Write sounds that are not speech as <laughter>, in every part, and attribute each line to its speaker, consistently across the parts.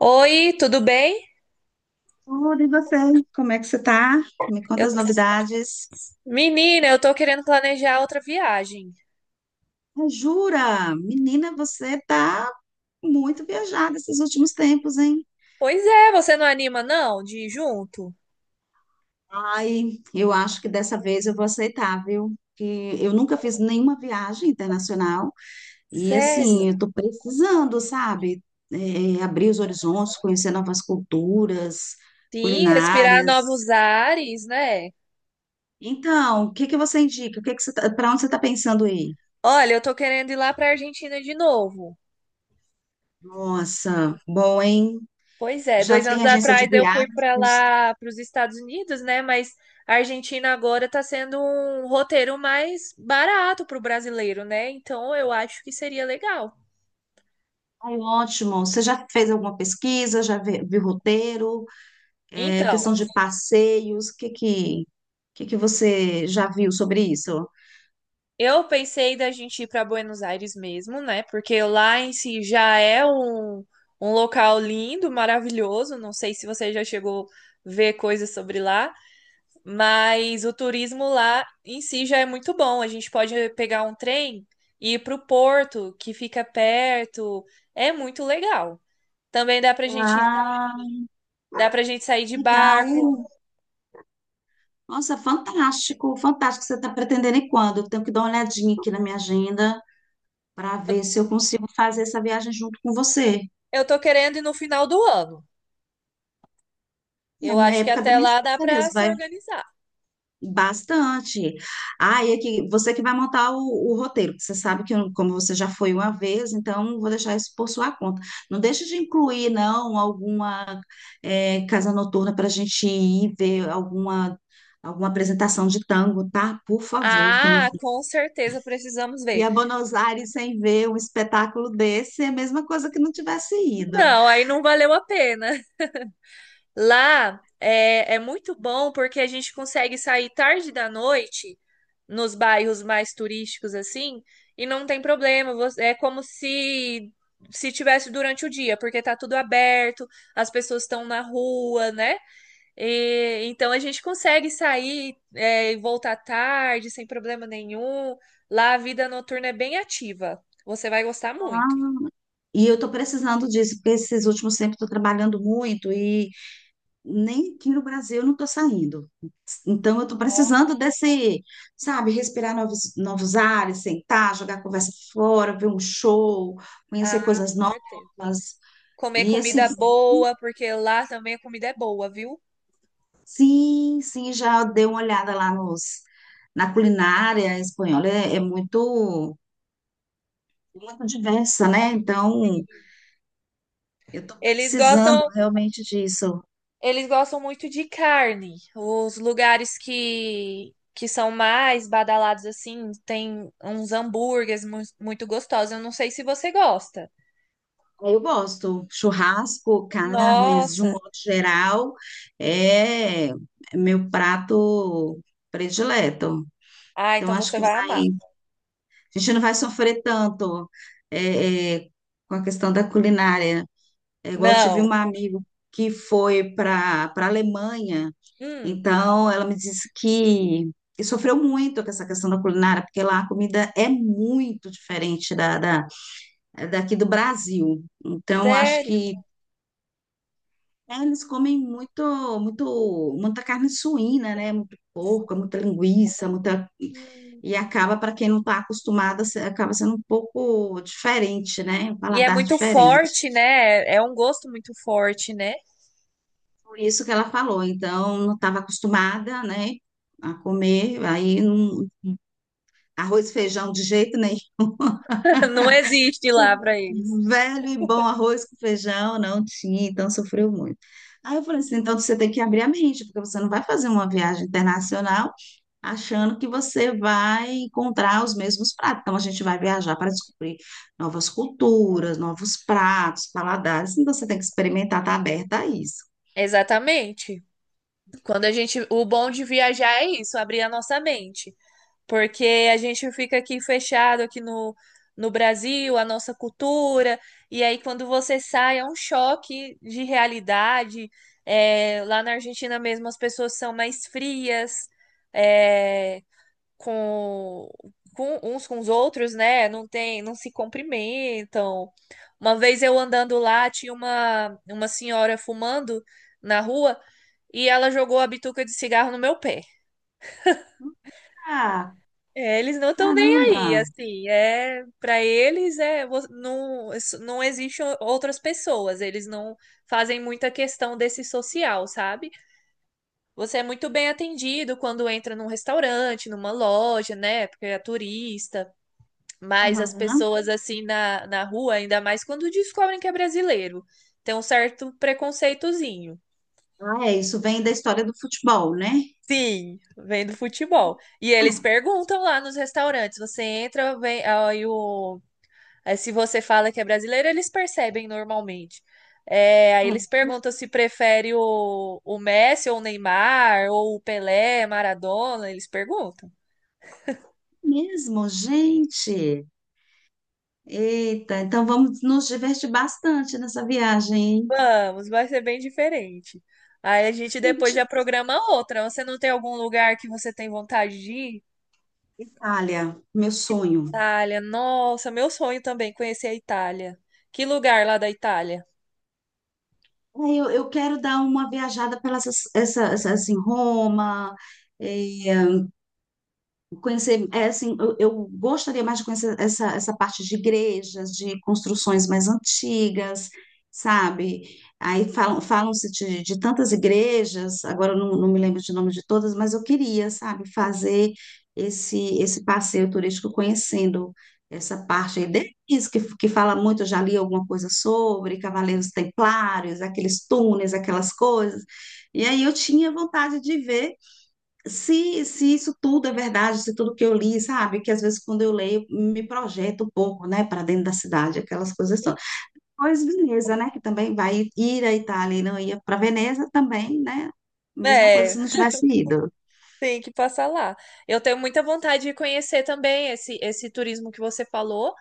Speaker 1: Oi, tudo bem?
Speaker 2: Tudo, e você? Como é que você tá? Me conta
Speaker 1: Eu-
Speaker 2: as novidades.
Speaker 1: Menina, eu tô querendo planejar outra viagem.
Speaker 2: Ah, jura? Menina, você tá muito viajada esses últimos tempos, hein?
Speaker 1: Pois é, você não anima não de ir junto?
Speaker 2: Ai, eu acho que dessa vez eu vou aceitar, viu? Que eu nunca fiz nenhuma viagem internacional e,
Speaker 1: Sério?
Speaker 2: assim, eu tô precisando, sabe? É, abrir os horizontes, conhecer novas culturas,
Speaker 1: Sim, respirar
Speaker 2: culinárias.
Speaker 1: novos ares, né?
Speaker 2: Então, o que que você indica? O que que você tá, para onde você tá pensando aí?
Speaker 1: Olha, eu tô querendo ir lá pra Argentina de novo.
Speaker 2: Nossa, bom, hein?
Speaker 1: Pois é,
Speaker 2: Já
Speaker 1: dois
Speaker 2: tem
Speaker 1: anos
Speaker 2: agência de
Speaker 1: atrás eu fui pra
Speaker 2: viagens.
Speaker 1: lá, pros Estados Unidos, né? Mas a Argentina agora tá sendo um roteiro mais barato pro brasileiro, né? Então eu acho que seria legal.
Speaker 2: Ai, ótimo. Você já fez alguma pesquisa? Viu roteiro? É, questão
Speaker 1: Então,
Speaker 2: de passeios? Que você já viu sobre isso?
Speaker 1: eu pensei da gente ir para Buenos Aires mesmo, né? Porque lá em si já é um local lindo, maravilhoso. Não sei se você já chegou a ver coisas sobre lá, mas o turismo lá em si já é muito bom. A gente pode pegar um trem e ir para o porto, que fica perto. É muito legal. Também
Speaker 2: Ah,
Speaker 1: dá para gente sair de barco.
Speaker 2: legal. Nossa, fantástico, fantástico. Você está pretendendo ir quando? Eu tenho que dar uma olhadinha aqui na minha agenda para ver se eu consigo fazer essa viagem junto com você.
Speaker 1: Eu tô querendo ir no final do ano.
Speaker 2: É
Speaker 1: Eu
Speaker 2: a
Speaker 1: acho que
Speaker 2: época das
Speaker 1: até
Speaker 2: minhas
Speaker 1: lá dá
Speaker 2: férias,
Speaker 1: para se
Speaker 2: vai.
Speaker 1: organizar.
Speaker 2: Bastante. Ah, e aqui, você que vai montar o roteiro, porque você sabe que, como você já foi uma vez, então vou deixar isso por sua conta. Não deixe de incluir, não, alguma casa noturna para a gente ir ver alguma, alguma apresentação de tango, tá? Por favor, que eu não.
Speaker 1: Ah, com certeza precisamos
Speaker 2: E
Speaker 1: ver.
Speaker 2: a Buenos Aires sem ver um espetáculo desse é a mesma coisa que não tivesse ido.
Speaker 1: Não, aí não valeu a pena. Lá é muito bom porque a gente consegue sair tarde da noite nos bairros mais turísticos assim e não tem problema. É como se se tivesse durante o dia, porque tá tudo aberto, as pessoas estão na rua, né? E então a gente consegue e voltar tarde sem problema nenhum. Lá a vida noturna é bem ativa. Você vai gostar
Speaker 2: Ah.
Speaker 1: muito.
Speaker 2: E eu estou precisando disso, porque esses últimos tempos estou trabalhando muito e nem aqui no Brasil eu não estou saindo. Então, eu estou precisando desse, sabe, respirar novos, novos ares, sentar, jogar a conversa fora, ver um show, conhecer
Speaker 1: Ah,
Speaker 2: coisas
Speaker 1: com certeza.
Speaker 2: novas.
Speaker 1: Comer
Speaker 2: E assim,
Speaker 1: comida
Speaker 2: que bom.
Speaker 1: boa, porque lá também a comida é boa, viu?
Speaker 2: Sim, sim, já dei uma olhada lá na culinária espanhola. É, é muito, muito diversa, né? Então,
Speaker 1: Sim.
Speaker 2: eu estou
Speaker 1: Eles
Speaker 2: precisando
Speaker 1: gostam,
Speaker 2: realmente disso.
Speaker 1: eles gostam muito de carne. Os lugares que são mais badalados assim, tem uns hambúrgueres muito gostosos. Eu não sei se você gosta.
Speaker 2: Eu gosto. Churrasco, carnes, de um
Speaker 1: Nossa.
Speaker 2: modo geral, é é meu prato predileto.
Speaker 1: Ah,
Speaker 2: Então,
Speaker 1: então
Speaker 2: acho
Speaker 1: você
Speaker 2: que
Speaker 1: vai amar.
Speaker 2: vai, a gente não vai sofrer tanto é, é, com a questão da culinária. É igual eu tive
Speaker 1: Não.
Speaker 2: um amigo que foi para Alemanha,
Speaker 1: Hum,
Speaker 2: então ela me disse que sofreu muito com essa questão da culinária, porque lá a comida é muito diferente da daqui do Brasil. Então, acho
Speaker 1: sério?
Speaker 2: que é, eles comem muito, muito, muita carne suína, né? Muito porco, muita linguiça, muita.
Speaker 1: Hum.
Speaker 2: E acaba, para quem não está acostumada acaba sendo um pouco diferente, né? Um
Speaker 1: E é
Speaker 2: paladar
Speaker 1: muito
Speaker 2: diferente.
Speaker 1: forte, né? É um gosto muito forte, né?
Speaker 2: Por isso que ela falou. Então, não estava acostumada, né? A comer. Aí, arroz e feijão de jeito nenhum.
Speaker 1: <laughs> Não existe lá
Speaker 2: <laughs>
Speaker 1: pra eles.
Speaker 2: Velho e bom arroz com feijão, não tinha, então sofreu muito. Aí eu falei assim: então você tem que abrir a mente, porque você não vai fazer uma viagem internacional achando que você vai encontrar os mesmos pratos. Então, a gente vai viajar para descobrir novas culturas, novos pratos, paladares. Então, você tem que experimentar, estar aberta a isso.
Speaker 1: Exatamente. Quando a gente, o bom de viajar é isso, abrir a nossa mente, porque a gente fica aqui fechado aqui no Brasil, a nossa cultura, e aí quando você sai é um choque de realidade. É, lá na Argentina mesmo as pessoas são mais frias, é, com, com uns com os outros, né? Não tem, não se cumprimentam. Uma vez eu andando lá, tinha uma senhora fumando na rua e ela jogou a bituca de cigarro no meu pé.
Speaker 2: Ah,
Speaker 1: É, eles não estão nem
Speaker 2: caramba!
Speaker 1: aí, assim, é, para eles é vo- não não existem outras pessoas, eles não fazem muita questão desse social, sabe? Você é muito bem atendido quando entra num restaurante, numa loja, né? Porque é turista, mas as
Speaker 2: Aham.
Speaker 1: pessoas assim na rua, ainda mais quando descobrem que é brasileiro, tem um certo preconceitozinho.
Speaker 2: Ah, é, isso vem da história do futebol, né?
Speaker 1: Sim, vem do futebol. E eles
Speaker 2: Ah,
Speaker 1: perguntam lá nos restaurantes. Você entra, vem. Aí se você fala que é brasileiro, eles percebem normalmente. É, aí
Speaker 2: ah,
Speaker 1: eles perguntam se prefere o Messi ou o Neymar, ou o Pelé, Maradona. Eles perguntam.
Speaker 2: mesmo, gente! Eita, então vamos nos divertir bastante nessa viagem, hein?
Speaker 1: Vamos, vai ser bem diferente. Aí a gente depois
Speaker 2: Deixa.
Speaker 1: já programa outra. Você não tem algum lugar que você tem vontade de ir?
Speaker 2: Itália, meu sonho.
Speaker 1: Itália, nossa, meu sonho também, conhecer a Itália. Que lugar lá da Itália?
Speaker 2: É, eu quero dar uma viajada pelas assim, Roma, eh, conhecer, é, assim, eu gostaria mais de conhecer essa parte de igrejas, de construções mais antigas, sabe? Aí falam-se de tantas igrejas, agora eu não, não me lembro de nome de todas, mas eu queria, sabe, fazer esse passeio turístico conhecendo essa parte aí deles, que fala muito, eu já li alguma coisa sobre Cavaleiros Templários, aqueles túneis, aquelas coisas. E aí eu tinha vontade de ver se isso tudo é verdade, se tudo que eu li, sabe? Que às vezes quando eu leio, me projeto um pouco, né, para dentro da cidade, aquelas coisas todas. Pois Veneza, né, que também vai ir à Itália e não ia para Veneza também, né? Mesma coisa se
Speaker 1: É,
Speaker 2: não tivesse ido.
Speaker 1: Tem que passar lá. Eu tenho muita vontade de conhecer também esse turismo que você falou.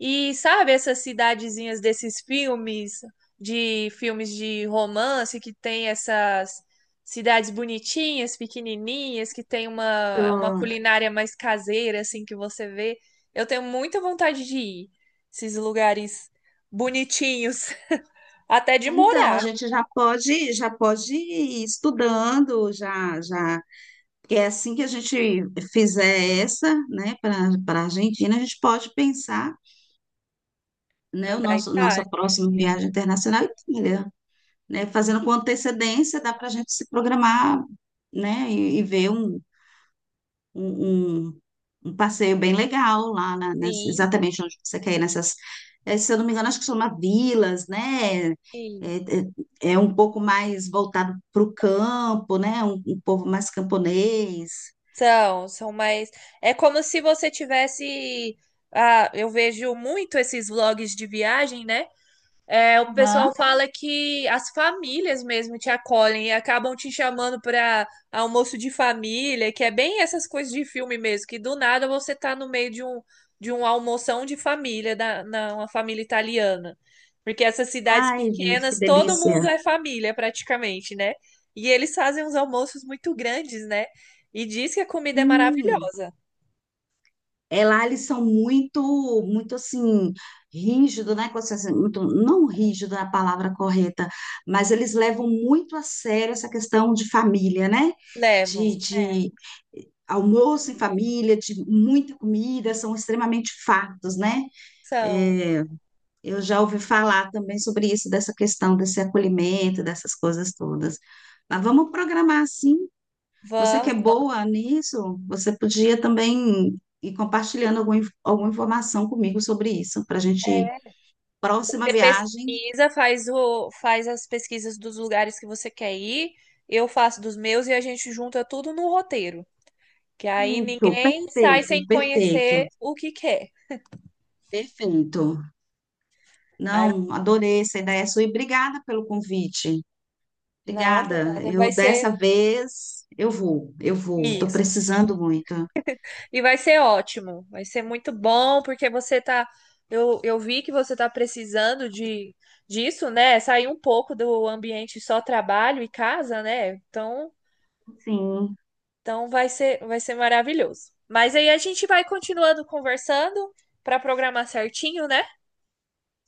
Speaker 1: E sabe essas cidadezinhas desses filmes de romance, que tem essas cidades bonitinhas, pequenininhas, que tem uma
Speaker 2: Então,
Speaker 1: culinária mais caseira, assim, que você vê. Eu tenho muita vontade de ir. Esses lugares bonitinhos. <laughs> Até de
Speaker 2: então, a
Speaker 1: morar
Speaker 2: gente já pode ir estudando, porque é assim que a gente fizer essa, né, para a Argentina, a gente pode pensar,
Speaker 1: na
Speaker 2: né, o
Speaker 1: da
Speaker 2: nosso nossa
Speaker 1: Itália.
Speaker 2: próxima viagem internacional à Itália. Né? Fazendo com antecedência, dá para a gente se programar, né? E ver um, um- um passeio bem legal lá,
Speaker 1: Sim,
Speaker 2: exatamente onde você quer ir, nessas, eh, se eu não me engano, acho que chama vilas, né? É,
Speaker 1: sim.
Speaker 2: é um pouco mais voltado para o campo, né? Um povo mais camponês.
Speaker 1: São mais. É como se você tivesse. Ah, eu vejo muito esses vlogs de viagem, né? É, o pessoal
Speaker 2: Aham.
Speaker 1: fala que as famílias mesmo te acolhem e acabam te chamando para almoço de família, que é bem essas coisas de filme mesmo, que do nada você tá no meio de de um almoção de família, uma família italiana. Porque essas cidades
Speaker 2: Ai, gente, que
Speaker 1: pequenas, todo mundo
Speaker 2: delícia.
Speaker 1: é família praticamente, né? E eles fazem uns almoços muito grandes, né? E diz que a comida é
Speaker 2: Hum.
Speaker 1: maravilhosa.
Speaker 2: É, lá eles são muito, muito assim, rígido, né? Assim, muito, não rígido é a palavra correta, mas eles levam muito a sério essa questão de família, né?
Speaker 1: Levam.
Speaker 2: De, é. De almoço em família, de muita comida, são extremamente fartos, né?
Speaker 1: São.
Speaker 2: É, eu já ouvi falar também sobre isso, dessa questão desse acolhimento, dessas coisas todas. Mas vamos programar assim. Você que
Speaker 1: Vamos.
Speaker 2: é boa nisso, você podia também ir compartilhando alguma informação comigo sobre isso, para a gente. Próxima
Speaker 1: Você
Speaker 2: viagem.
Speaker 1: pesquisa, faz as pesquisas dos lugares que você quer ir, eu faço dos meus e a gente junta tudo no roteiro. Que aí
Speaker 2: Isso,
Speaker 1: ninguém sai
Speaker 2: perfeito,
Speaker 1: sem
Speaker 2: perfeito,
Speaker 1: conhecer o que quer.
Speaker 2: perfeito.
Speaker 1: Aí,
Speaker 2: Não, adorei essa ideia sua e obrigada pelo convite.
Speaker 1: não, por
Speaker 2: Obrigada.
Speaker 1: nada, vai
Speaker 2: Eu dessa
Speaker 1: ser
Speaker 2: vez eu vou, eu vou. Estou
Speaker 1: isso.
Speaker 2: precisando muito.
Speaker 1: E vai ser ótimo, vai ser muito bom, porque você tá. Eu vi que você tá precisando disso, né? Sair um pouco do ambiente só trabalho e casa, né? Então,
Speaker 2: Sim.
Speaker 1: então vai ser maravilhoso. Mas aí a gente vai continuando conversando para programar certinho, né?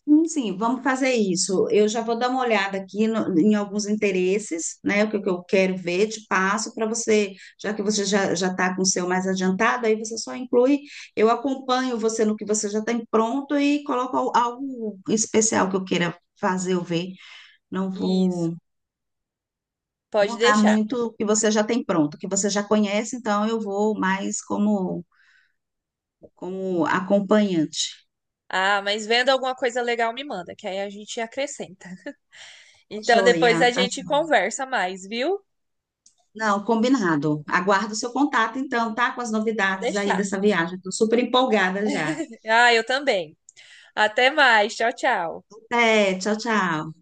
Speaker 2: Sim, sim, vamos fazer isso. Eu já vou dar uma olhada aqui em alguns interesses, né? Que eu quero ver, te passo para você, já que você já está com o seu mais adiantado, aí você só inclui, eu acompanho você no que você já tem pronto e coloco algo especial que eu queira fazer ou ver. Não
Speaker 1: Isso,
Speaker 2: vou
Speaker 1: pode
Speaker 2: mudar
Speaker 1: deixar.
Speaker 2: muito o que você já tem pronto, o que você já conhece, então eu vou mais como acompanhante.
Speaker 1: Ah, mas vendo alguma coisa legal, me manda, que aí a gente acrescenta. Então depois a
Speaker 2: Joia, tá.
Speaker 1: gente conversa mais, viu?
Speaker 2: Não, combinado. Aguardo o seu contato, então, tá? Com as
Speaker 1: Pode
Speaker 2: novidades aí
Speaker 1: deixar.
Speaker 2: dessa viagem. Estou super empolgada já.
Speaker 1: Ah, eu também. Até mais. Tchau, tchau.
Speaker 2: Até, tchau, tchau.